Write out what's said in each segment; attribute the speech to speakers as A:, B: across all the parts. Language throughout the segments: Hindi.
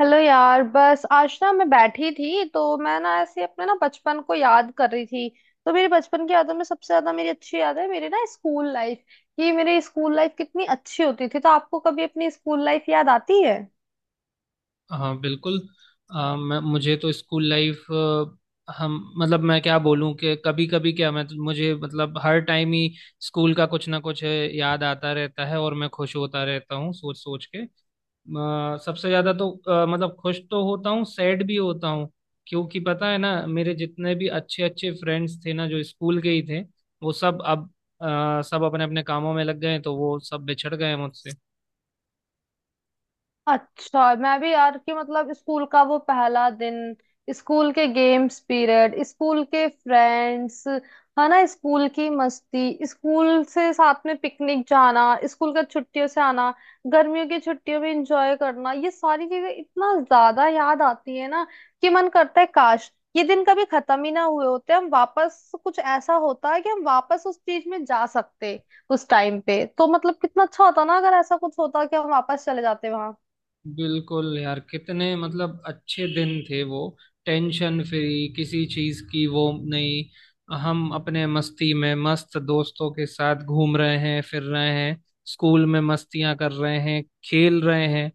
A: हेलो यार। बस आज ना मैं बैठी थी तो मैं ना ऐसे अपने ना बचपन को याद कर रही थी। तो मेरी बचपन की यादों में सबसे ज्यादा मेरी अच्छी याद है मेरी ना स्कूल लाइफ। कि मेरी स्कूल लाइफ कितनी अच्छी होती थी। तो आपको कभी अपनी स्कूल लाइफ याद आती है?
B: हाँ, बिल्कुल। मैं मुझे तो स्कूल लाइफ, हम मतलब मैं क्या बोलूँ कि कभी कभी क्या, मैं मुझे मतलब हर टाइम ही स्कूल का कुछ ना कुछ याद आता रहता है और मैं खुश होता रहता हूँ सोच सोच के। सबसे ज़्यादा तो मतलब खुश तो होता हूँ, सैड भी होता हूँ क्योंकि पता है ना मेरे जितने भी अच्छे अच्छे फ्रेंड्स थे ना जो स्कूल के ही थे, वो सब अब, सब अपने अपने कामों में लग गए हैं, तो वो सब बिछड़ गए हैं मुझसे।
A: अच्छा, मैं भी यार। कि मतलब स्कूल का वो पहला दिन, स्कूल के गेम्स पीरियड, स्कूल के फ्रेंड्स, है ना, स्कूल की मस्ती, स्कूल से साथ में पिकनिक जाना, स्कूल का छुट्टियों से आना, गर्मियों की छुट्टियों में एंजॉय करना, ये सारी चीजें इतना ज्यादा याद आती है ना। कि मन करता है काश ये दिन कभी खत्म ही ना हुए होते। हम वापस कुछ ऐसा होता है कि हम वापस उस चीज में जा सकते, उस टाइम पे। तो मतलब कितना अच्छा होता ना अगर ऐसा कुछ होता कि हम वापस चले जाते वहां।
B: बिल्कुल यार, कितने मतलब अच्छे दिन थे वो। टेंशन फ्री किसी चीज की वो नहीं, हम अपने मस्ती में मस्त दोस्तों के साथ घूम रहे हैं, फिर रहे हैं, स्कूल में मस्तियां कर रहे हैं, खेल रहे हैं।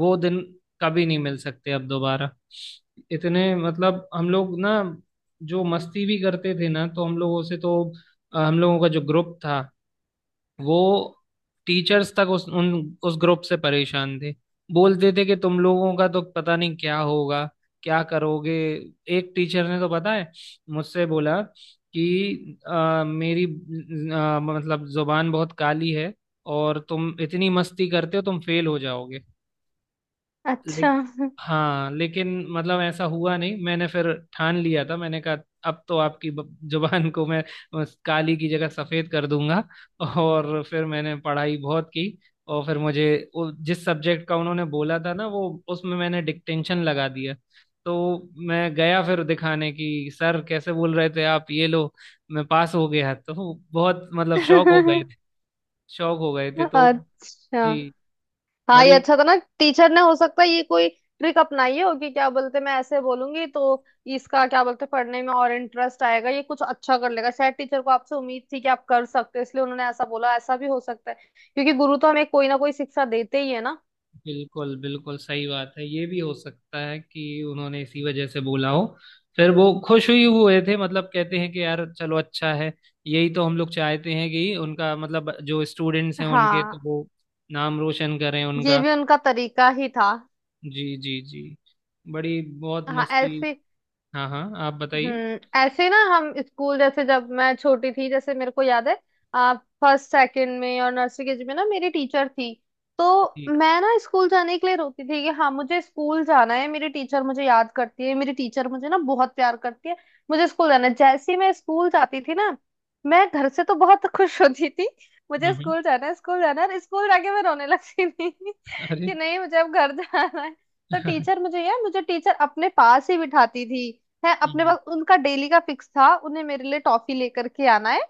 B: वो दिन कभी नहीं मिल सकते अब दोबारा। इतने मतलब हम लोग ना जो मस्ती भी करते थे ना, तो हम लोगों से तो, हम लोगों का जो ग्रुप था वो, टीचर्स तक उस ग्रुप से परेशान थे। बोलते थे कि तुम लोगों का तो पता नहीं क्या होगा, क्या करोगे। एक टीचर ने तो पता है मुझसे बोला कि मेरी मतलब जुबान बहुत काली है और तुम इतनी मस्ती करते हो, तुम फेल हो जाओगे। ले,
A: अच्छा।
B: हाँ, लेकिन मतलब ऐसा हुआ नहीं। मैंने फिर ठान लिया था, मैंने कहा अब तो आपकी जुबान को मैं उस काली की जगह सफेद कर दूंगा। और फिर मैंने पढ़ाई बहुत की, और फिर मुझे जिस सब्जेक्ट का उन्होंने बोला था ना वो उसमें मैंने डिक्टेंशन लगा दिया। तो मैं गया फिर दिखाने की सर कैसे बोल रहे थे, आप ये लो, मैं पास हो गया। तो बहुत मतलब शौक हो गए थे। शौक हो गए थे तो।
A: अच्छा।
B: जी।
A: हाँ ये
B: बड़ी।
A: अच्छा था ना। टीचर ने हो सकता है ये कोई ट्रिक अपनाई हो कि क्या बोलते, मैं ऐसे बोलूंगी तो इसका क्या बोलते, पढ़ने में और इंटरेस्ट आएगा, ये कुछ अच्छा कर लेगा। शायद टीचर को आपसे उम्मीद थी कि आप कर सकते हो इसलिए उन्होंने ऐसा बोला, ऐसा भी हो सकता है। क्योंकि गुरु तो हमें कोई ना कोई शिक्षा देते ही है ना।
B: बिल्कुल, बिल्कुल सही बात है, ये भी हो सकता है कि उन्होंने इसी वजह से बोला हो। फिर वो खुश हुई हुए थे, मतलब कहते हैं कि यार चलो अच्छा है, यही तो हम लोग चाहते हैं कि उनका मतलब जो स्टूडेंट्स हैं उनके
A: हाँ,
B: तो वो नाम रोशन करें
A: ये
B: उनका।
A: भी उनका तरीका ही था।
B: जी जी जी। बड़ी बहुत
A: हाँ
B: मस्ती।
A: ऐसे।
B: हाँ हाँ, आप बताइए।
A: ऐसे ना हम स्कूल, जैसे जब मैं छोटी थी, जैसे मेरे को याद है, फर्स्ट सेकंड में और नर्सरी के जी में ना मेरी टीचर थी। तो
B: जी।
A: मैं ना स्कूल जाने के लिए रोती थी कि हाँ मुझे स्कूल जाना है, मेरी टीचर मुझे याद करती है, मेरी टीचर मुझे ना बहुत प्यार करती है, मुझे स्कूल जाना है। जैसे ही मैं स्कूल जाती थी ना, मैं घर से तो बहुत खुश होती थी,
B: हम्म,
A: मुझे
B: हम्म।
A: स्कूल जाना है, स्कूल जाना है। और स्कूल जाके मैं रोने लगती थी कि
B: अरे।
A: नहीं मुझे अब घर जाना है। तो टीचर मुझे यार मुझे टीचर अपने पास ही बिठाती थी। है अपने
B: हम्म।
A: पास। उनका डेली का फिक्स था उन्हें मेरे लिए टॉफी लेकर के आना है।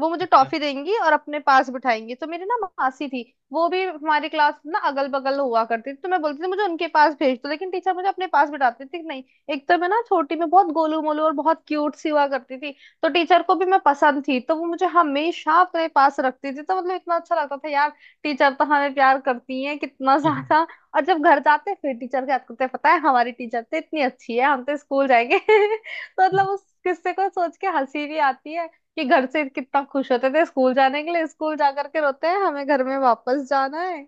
A: वो मुझे
B: अच्छा, हम्म।
A: टॉफी देंगी और अपने पास बिठाएंगी। तो मेरी ना मासी थी, वो भी हमारी क्लास ना अगल बगल हुआ करती थी। तो मैं बोलती थी मुझे उनके पास भेज दो, लेकिन टीचर मुझे अपने पास बिठाती थी कि नहीं। एक तो मैं ना छोटी में बहुत गोलू मोलू और बहुत क्यूट सी हुआ करती थी, तो टीचर को भी मैं पसंद थी, तो वो मुझे हमेशा अपने पास रखती थी। तो मतलब इतना अच्छा लगता था यार, टीचर तो हमें प्यार करती है कितना
B: हम्म।
A: ज्यादा। और जब घर जाते फिर टीचर के हाथ करते, पता है हमारी टीचर तो इतनी अच्छी है, हम तो स्कूल जाएंगे। तो मतलब
B: हम्म।
A: उस किस्से को सोच के हंसी भी आती है कि घर से कितना खुश होते थे स्कूल जाने के लिए, स्कूल जा करके रोते हैं हमें घर में वापस जाना है।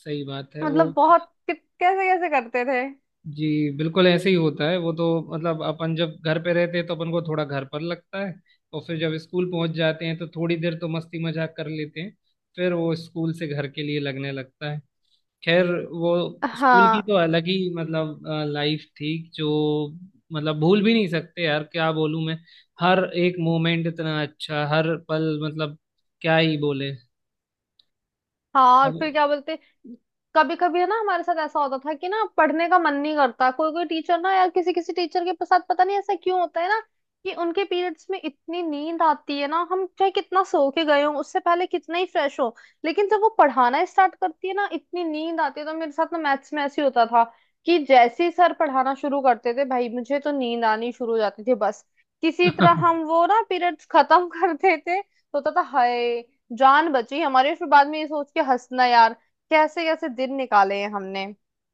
B: सही बात है वो।
A: मतलब बहुत कैसे कैसे करते थे।
B: जी बिल्कुल ऐसे ही होता है वो तो। मतलब अपन जब घर पे रहते हैं तो अपन को थोड़ा घर पर लगता है, और फिर जब स्कूल पहुंच जाते हैं तो थोड़ी देर तो मस्ती मजाक कर लेते हैं, फिर वो स्कूल से घर के लिए लगने लगता है। खैर, वो स्कूल की
A: हाँ
B: तो अलग ही मतलब लाइफ थी जो, मतलब भूल भी नहीं सकते यार, क्या बोलूं मैं। हर एक मोमेंट इतना अच्छा, हर पल मतलब, क्या ही बोले।
A: हाँ। और
B: अब।
A: फिर क्या बोलते, कभी कभी है ना हमारे साथ ऐसा होता था कि ना पढ़ने का मन नहीं करता। कोई कोई टीचर ना यार, किसी किसी टीचर के साथ पता नहीं ऐसा क्यों होता है ना, कि उनके पीरियड्स में इतनी नींद आती है ना। हम चाहे कितना सो के गए हो, उससे पहले कितना ही फ्रेश हो, लेकिन जब वो पढ़ाना स्टार्ट करती है ना, इतनी नींद आती है। तो मेरे साथ ना मैथ्स में ऐसे ही होता था कि जैसे ही सर पढ़ाना शुरू करते थे भाई, मुझे तो नींद आनी शुरू हो जाती थी बस। किसी तरह हम वो ना पीरियड्स खत्म कर देते तो होता था हाय जान बची हमारी। फिर बाद में ये सोच के हंसना यार, कैसे कैसे दिन निकाले हैं हमने।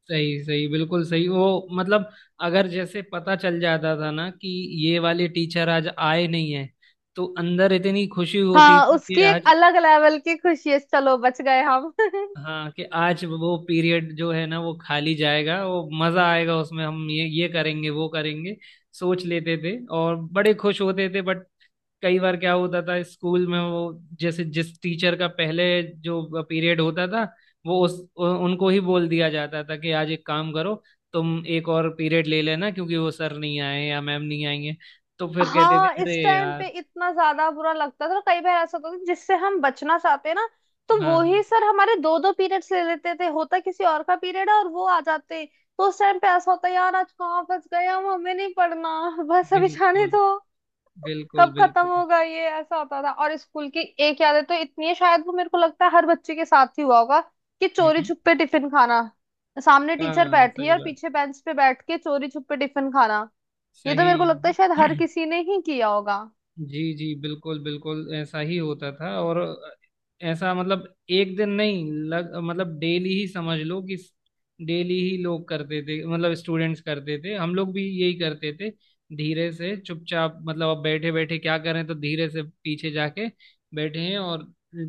B: सही सही, बिल्कुल सही वो, मतलब अगर जैसे पता चल जाता था ना कि ये वाले टीचर आज आए नहीं है, तो अंदर इतनी खुशी होती
A: हाँ
B: थी
A: उसकी
B: कि
A: एक
B: आज।
A: अलग लेवल की खुशी है, चलो बच गए हम।
B: हाँ, कि आज वो पीरियड जो है ना वो खाली जाएगा, वो मजा आएगा, उसमें हम ये करेंगे वो करेंगे, सोच लेते थे और बड़े खुश होते थे। बट कई बार क्या होता था स्कूल में वो, जैसे जिस टीचर का पहले जो पीरियड होता था वो उनको ही बोल दिया जाता था कि आज एक काम करो, तुम एक और पीरियड ले लेना क्योंकि वो सर नहीं आए या मैम नहीं आएंगे। तो फिर कहते
A: हाँ
B: थे अरे
A: इस टाइम पे
B: यार।
A: इतना ज्यादा बुरा लगता था, तो कई बार ऐसा होता था जिससे हम बचना चाहते हैं ना, तो
B: हाँ
A: वो
B: हाँ।
A: ही सर हमारे दो दो पीरियड्स ले लेते थे, होता किसी और का पीरियड है और वो आ जाते। तो उस टाइम पे ऐसा होता यार, आज कहाँ फंस गए हम, हमें नहीं पढ़ना बस अभी जाने
B: बिल्कुल,
A: दो,
B: बिल्कुल,
A: कब खत्म
B: बिल्कुल।
A: होगा ये, ऐसा होता था। और स्कूल की एक याद है तो इतनी है, शायद वो मेरे को लगता है हर बच्चे के साथ ही हुआ होगा, कि चोरी
B: हम्म।
A: छुपे टिफिन खाना। सामने टीचर
B: हाँ
A: बैठी है
B: सही
A: और
B: बात,
A: पीछे बेंच पे बैठ के चोरी छुपे टिफिन खाना, ये तो
B: सही।
A: मेरे को लगता है शायद हर किसी ने ही किया होगा।
B: जी जी, बिल्कुल बिल्कुल ऐसा ही होता था। और ऐसा मतलब एक दिन नहीं लग, मतलब डेली ही समझ लो, कि डेली ही लोग करते थे, मतलब स्टूडेंट्स करते थे, हम लोग भी यही करते थे। धीरे से चुपचाप मतलब अब बैठे बैठे क्या करें, तो धीरे से पीछे जाके बैठे हैं और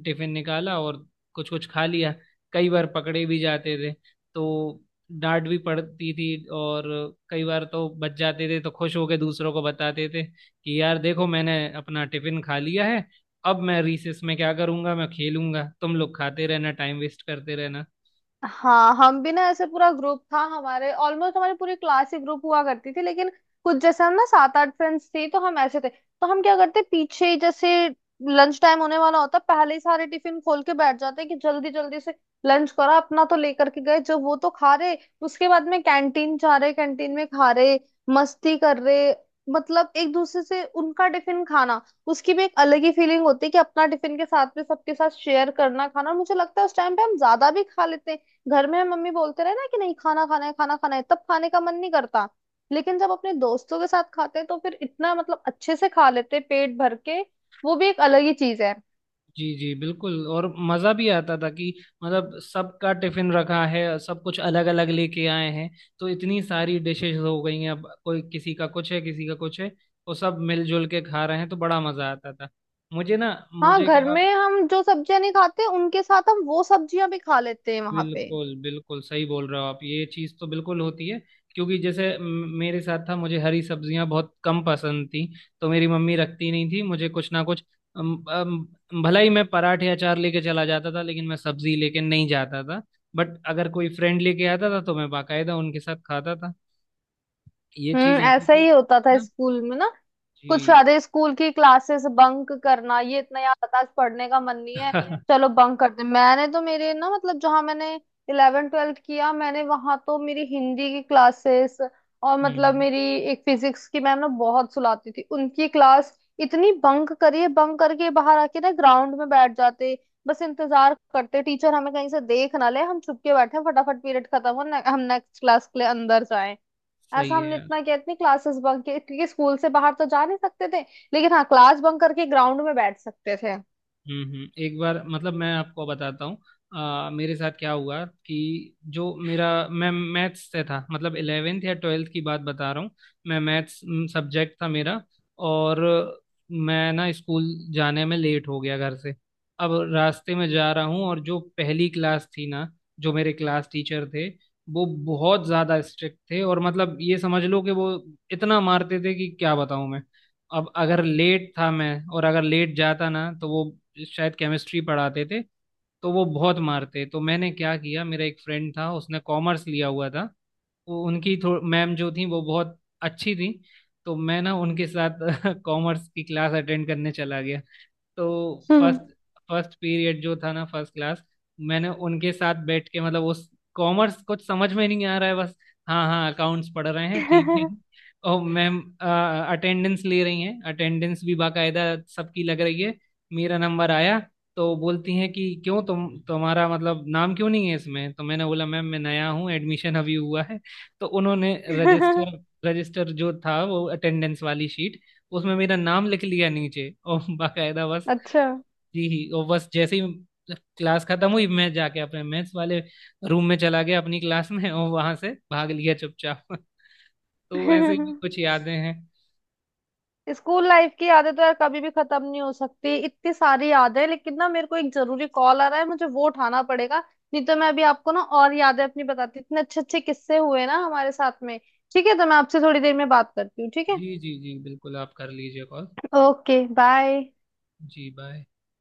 B: टिफिन निकाला और कुछ कुछ खा लिया। कई बार पकड़े भी जाते थे तो डांट भी पड़ती थी, और कई बार तो बच जाते थे तो खुश होके दूसरों को बताते थे कि यार देखो मैंने अपना टिफिन खा लिया है, अब मैं रिसेस में क्या करूंगा, मैं खेलूंगा, तुम लोग खाते रहना, टाइम वेस्ट करते रहना।
A: हाँ हम भी ना ऐसे पूरा ग्रुप था हमारे, ऑलमोस्ट हमारी पूरी क्लास ही ग्रुप हुआ करती थी, लेकिन कुछ जैसे हम ना सात आठ फ्रेंड्स थी, तो हम ऐसे थे तो हम क्या करते, पीछे ही जैसे लंच टाइम होने वाला होता, पहले ही सारे टिफिन खोल के बैठ जाते कि जल्दी जल्दी से लंच करा अपना। तो लेकर के गए जब वो तो खा रहे, उसके बाद में कैंटीन जा रहे, कैंटीन में खा रहे, मस्ती कर रहे। मतलब एक दूसरे से उनका टिफिन खाना, उसकी भी एक अलग ही फीलिंग होती है कि अपना टिफिन के साथ में सबके साथ शेयर करना खाना। और मुझे लगता है उस टाइम पे हम ज्यादा भी खा लेते हैं, घर में मम्मी बोलते रहे ना कि नहीं खाना खाना है, खाना खाना है, तब खाने का मन नहीं करता। लेकिन जब अपने दोस्तों के साथ खाते हैं तो फिर इतना मतलब अच्छे से खा लेते हैं पेट भर के, वो भी एक अलग ही चीज है।
B: जी जी बिल्कुल। और मज़ा भी आता था कि मतलब सबका टिफिन रखा है, सब कुछ अलग अलग लेके आए हैं तो इतनी सारी डिशेज हो गई हैं, अब कोई किसी का कुछ है, किसी का कुछ है, वो सब मिलजुल के खा रहे हैं, तो बड़ा मज़ा आता था। मुझे ना,
A: हाँ
B: मुझे
A: घर
B: क्या।
A: में हम जो सब्जियां नहीं खाते उनके साथ हम वो सब्जियां भी खा लेते हैं वहां पे।
B: बिल्कुल, बिल्कुल सही बोल रहे हो आप, ये चीज़ तो बिल्कुल होती है। क्योंकि जैसे मेरे साथ था, मुझे हरी सब्जियां बहुत कम पसंद थी, तो मेरी मम्मी रखती नहीं थी मुझे कुछ ना कुछ, अम, अम, भला ही मैं पराठे अचार लेके चला जाता था, लेकिन मैं सब्जी लेके नहीं जाता था। बट अगर कोई फ्रेंड लेके आता था तो मैं बाकायदा उनके साथ खाता था। ये चीज़ ऐसी
A: ऐसा
B: थी।
A: ही होता था
B: ना।
A: स्कूल में ना। कुछ
B: जी।
A: आधे स्कूल की क्लासेस बंक करना, ये इतना याद आता, आज पढ़ने का मन नहीं है, चलो बंक करते हैं। मैंने तो, मेरे ना मतलब, जहां मैंने इलेवन ट्वेल्थ किया मैंने, वहां तो मेरी हिंदी की क्लासेस और मतलब
B: हम्म।
A: मेरी एक फिजिक्स की मैम ना बहुत सुलाती थी, उनकी क्लास इतनी बंक करिए। बंक करके बाहर आके ना ग्राउंड में बैठ जाते, बस इंतजार करते टीचर हमें कहीं से देख ना ले, हम छुप के बैठे हैं, फटाफट पीरियड खत्म हो ने, हम नेक्स्ट क्लास के लिए अंदर। ऐसा
B: सही है
A: हमने
B: यार।
A: इतना किया, इतनी क्लासेस बंक की, क्योंकि स्कूल से बाहर तो जा नहीं सकते थे, लेकिन हाँ क्लास बंक करके ग्राउंड में बैठ सकते थे।
B: एक बार मतलब मैं आपको बताता हूँ मेरे साथ क्या हुआ। कि जो मेरा मैं मैथ्स से था, मतलब 11th या 12th की बात बता रहा हूँ। मैं मैथ्स सब्जेक्ट था मेरा, और मैं ना स्कूल जाने में लेट हो गया घर से। अब रास्ते में जा रहा हूँ और जो पहली क्लास थी ना, जो मेरे क्लास टीचर थे वो बहुत ज़्यादा स्ट्रिक्ट थे, और मतलब ये समझ लो कि वो इतना मारते थे कि क्या बताऊँ मैं। अब अगर लेट था मैं, और अगर लेट जाता ना तो वो, शायद केमिस्ट्री पढ़ाते थे तो वो बहुत मारते। तो मैंने क्या किया, मेरा एक फ्रेंड था उसने कॉमर्स लिया हुआ था, वो उनकी थो मैम जो थी वो बहुत अच्छी थी। तो मैं ना उनके साथ कॉमर्स की क्लास अटेंड करने चला गया। तो फर्स्ट फर्स्ट पीरियड जो था ना, फर्स्ट क्लास मैंने उनके साथ बैठ के मतलब उस, कॉमर्स कुछ समझ में नहीं आ रहा है बस, हाँ हाँ अकाउंट्स पढ़ रहे हैं ठीक है,
A: हम्म।
B: और मैम अटेंडेंस ले रही हैं, अटेंडेंस भी बाकायदा सबकी लग रही है। मेरा नंबर आया तो बोलती हैं कि क्यों तुम्हारा मतलब नाम क्यों नहीं है इसमें, तो मैंने बोला मैम मैं नया हूँ, एडमिशन अभी हुआ है। तो उन्होंने रजिस्टर, जो था वो अटेंडेंस वाली शीट, उसमें मेरा नाम लिख लिया नीचे और बाकायदा बस।
A: अच्छा,
B: जी ही, और बस जैसे ही क्लास खत्म हुई मैं जाके अपने मैथ्स वाले रूम में चला गया, अपनी क्लास में, और वहां से भाग लिया चुपचाप तो ऐसे ही कुछ यादें हैं।
A: स्कूल लाइफ की यादें तो यार कभी भी खत्म नहीं हो सकती, इतनी सारी यादें हैं, लेकिन ना मेरे को एक जरूरी कॉल आ रहा है, मुझे वो उठाना पड़ेगा। नहीं तो मैं अभी आपको ना और यादें अपनी बताती, इतने अच्छे अच्छे किस्से हुए ना हमारे साथ में। ठीक है, तो मैं आपसे थोड़ी देर में बात करती हूँ, ठीक है।
B: जी जी जी बिल्कुल, आप कर लीजिए कॉल।
A: Okay, bye.
B: जी, बाय।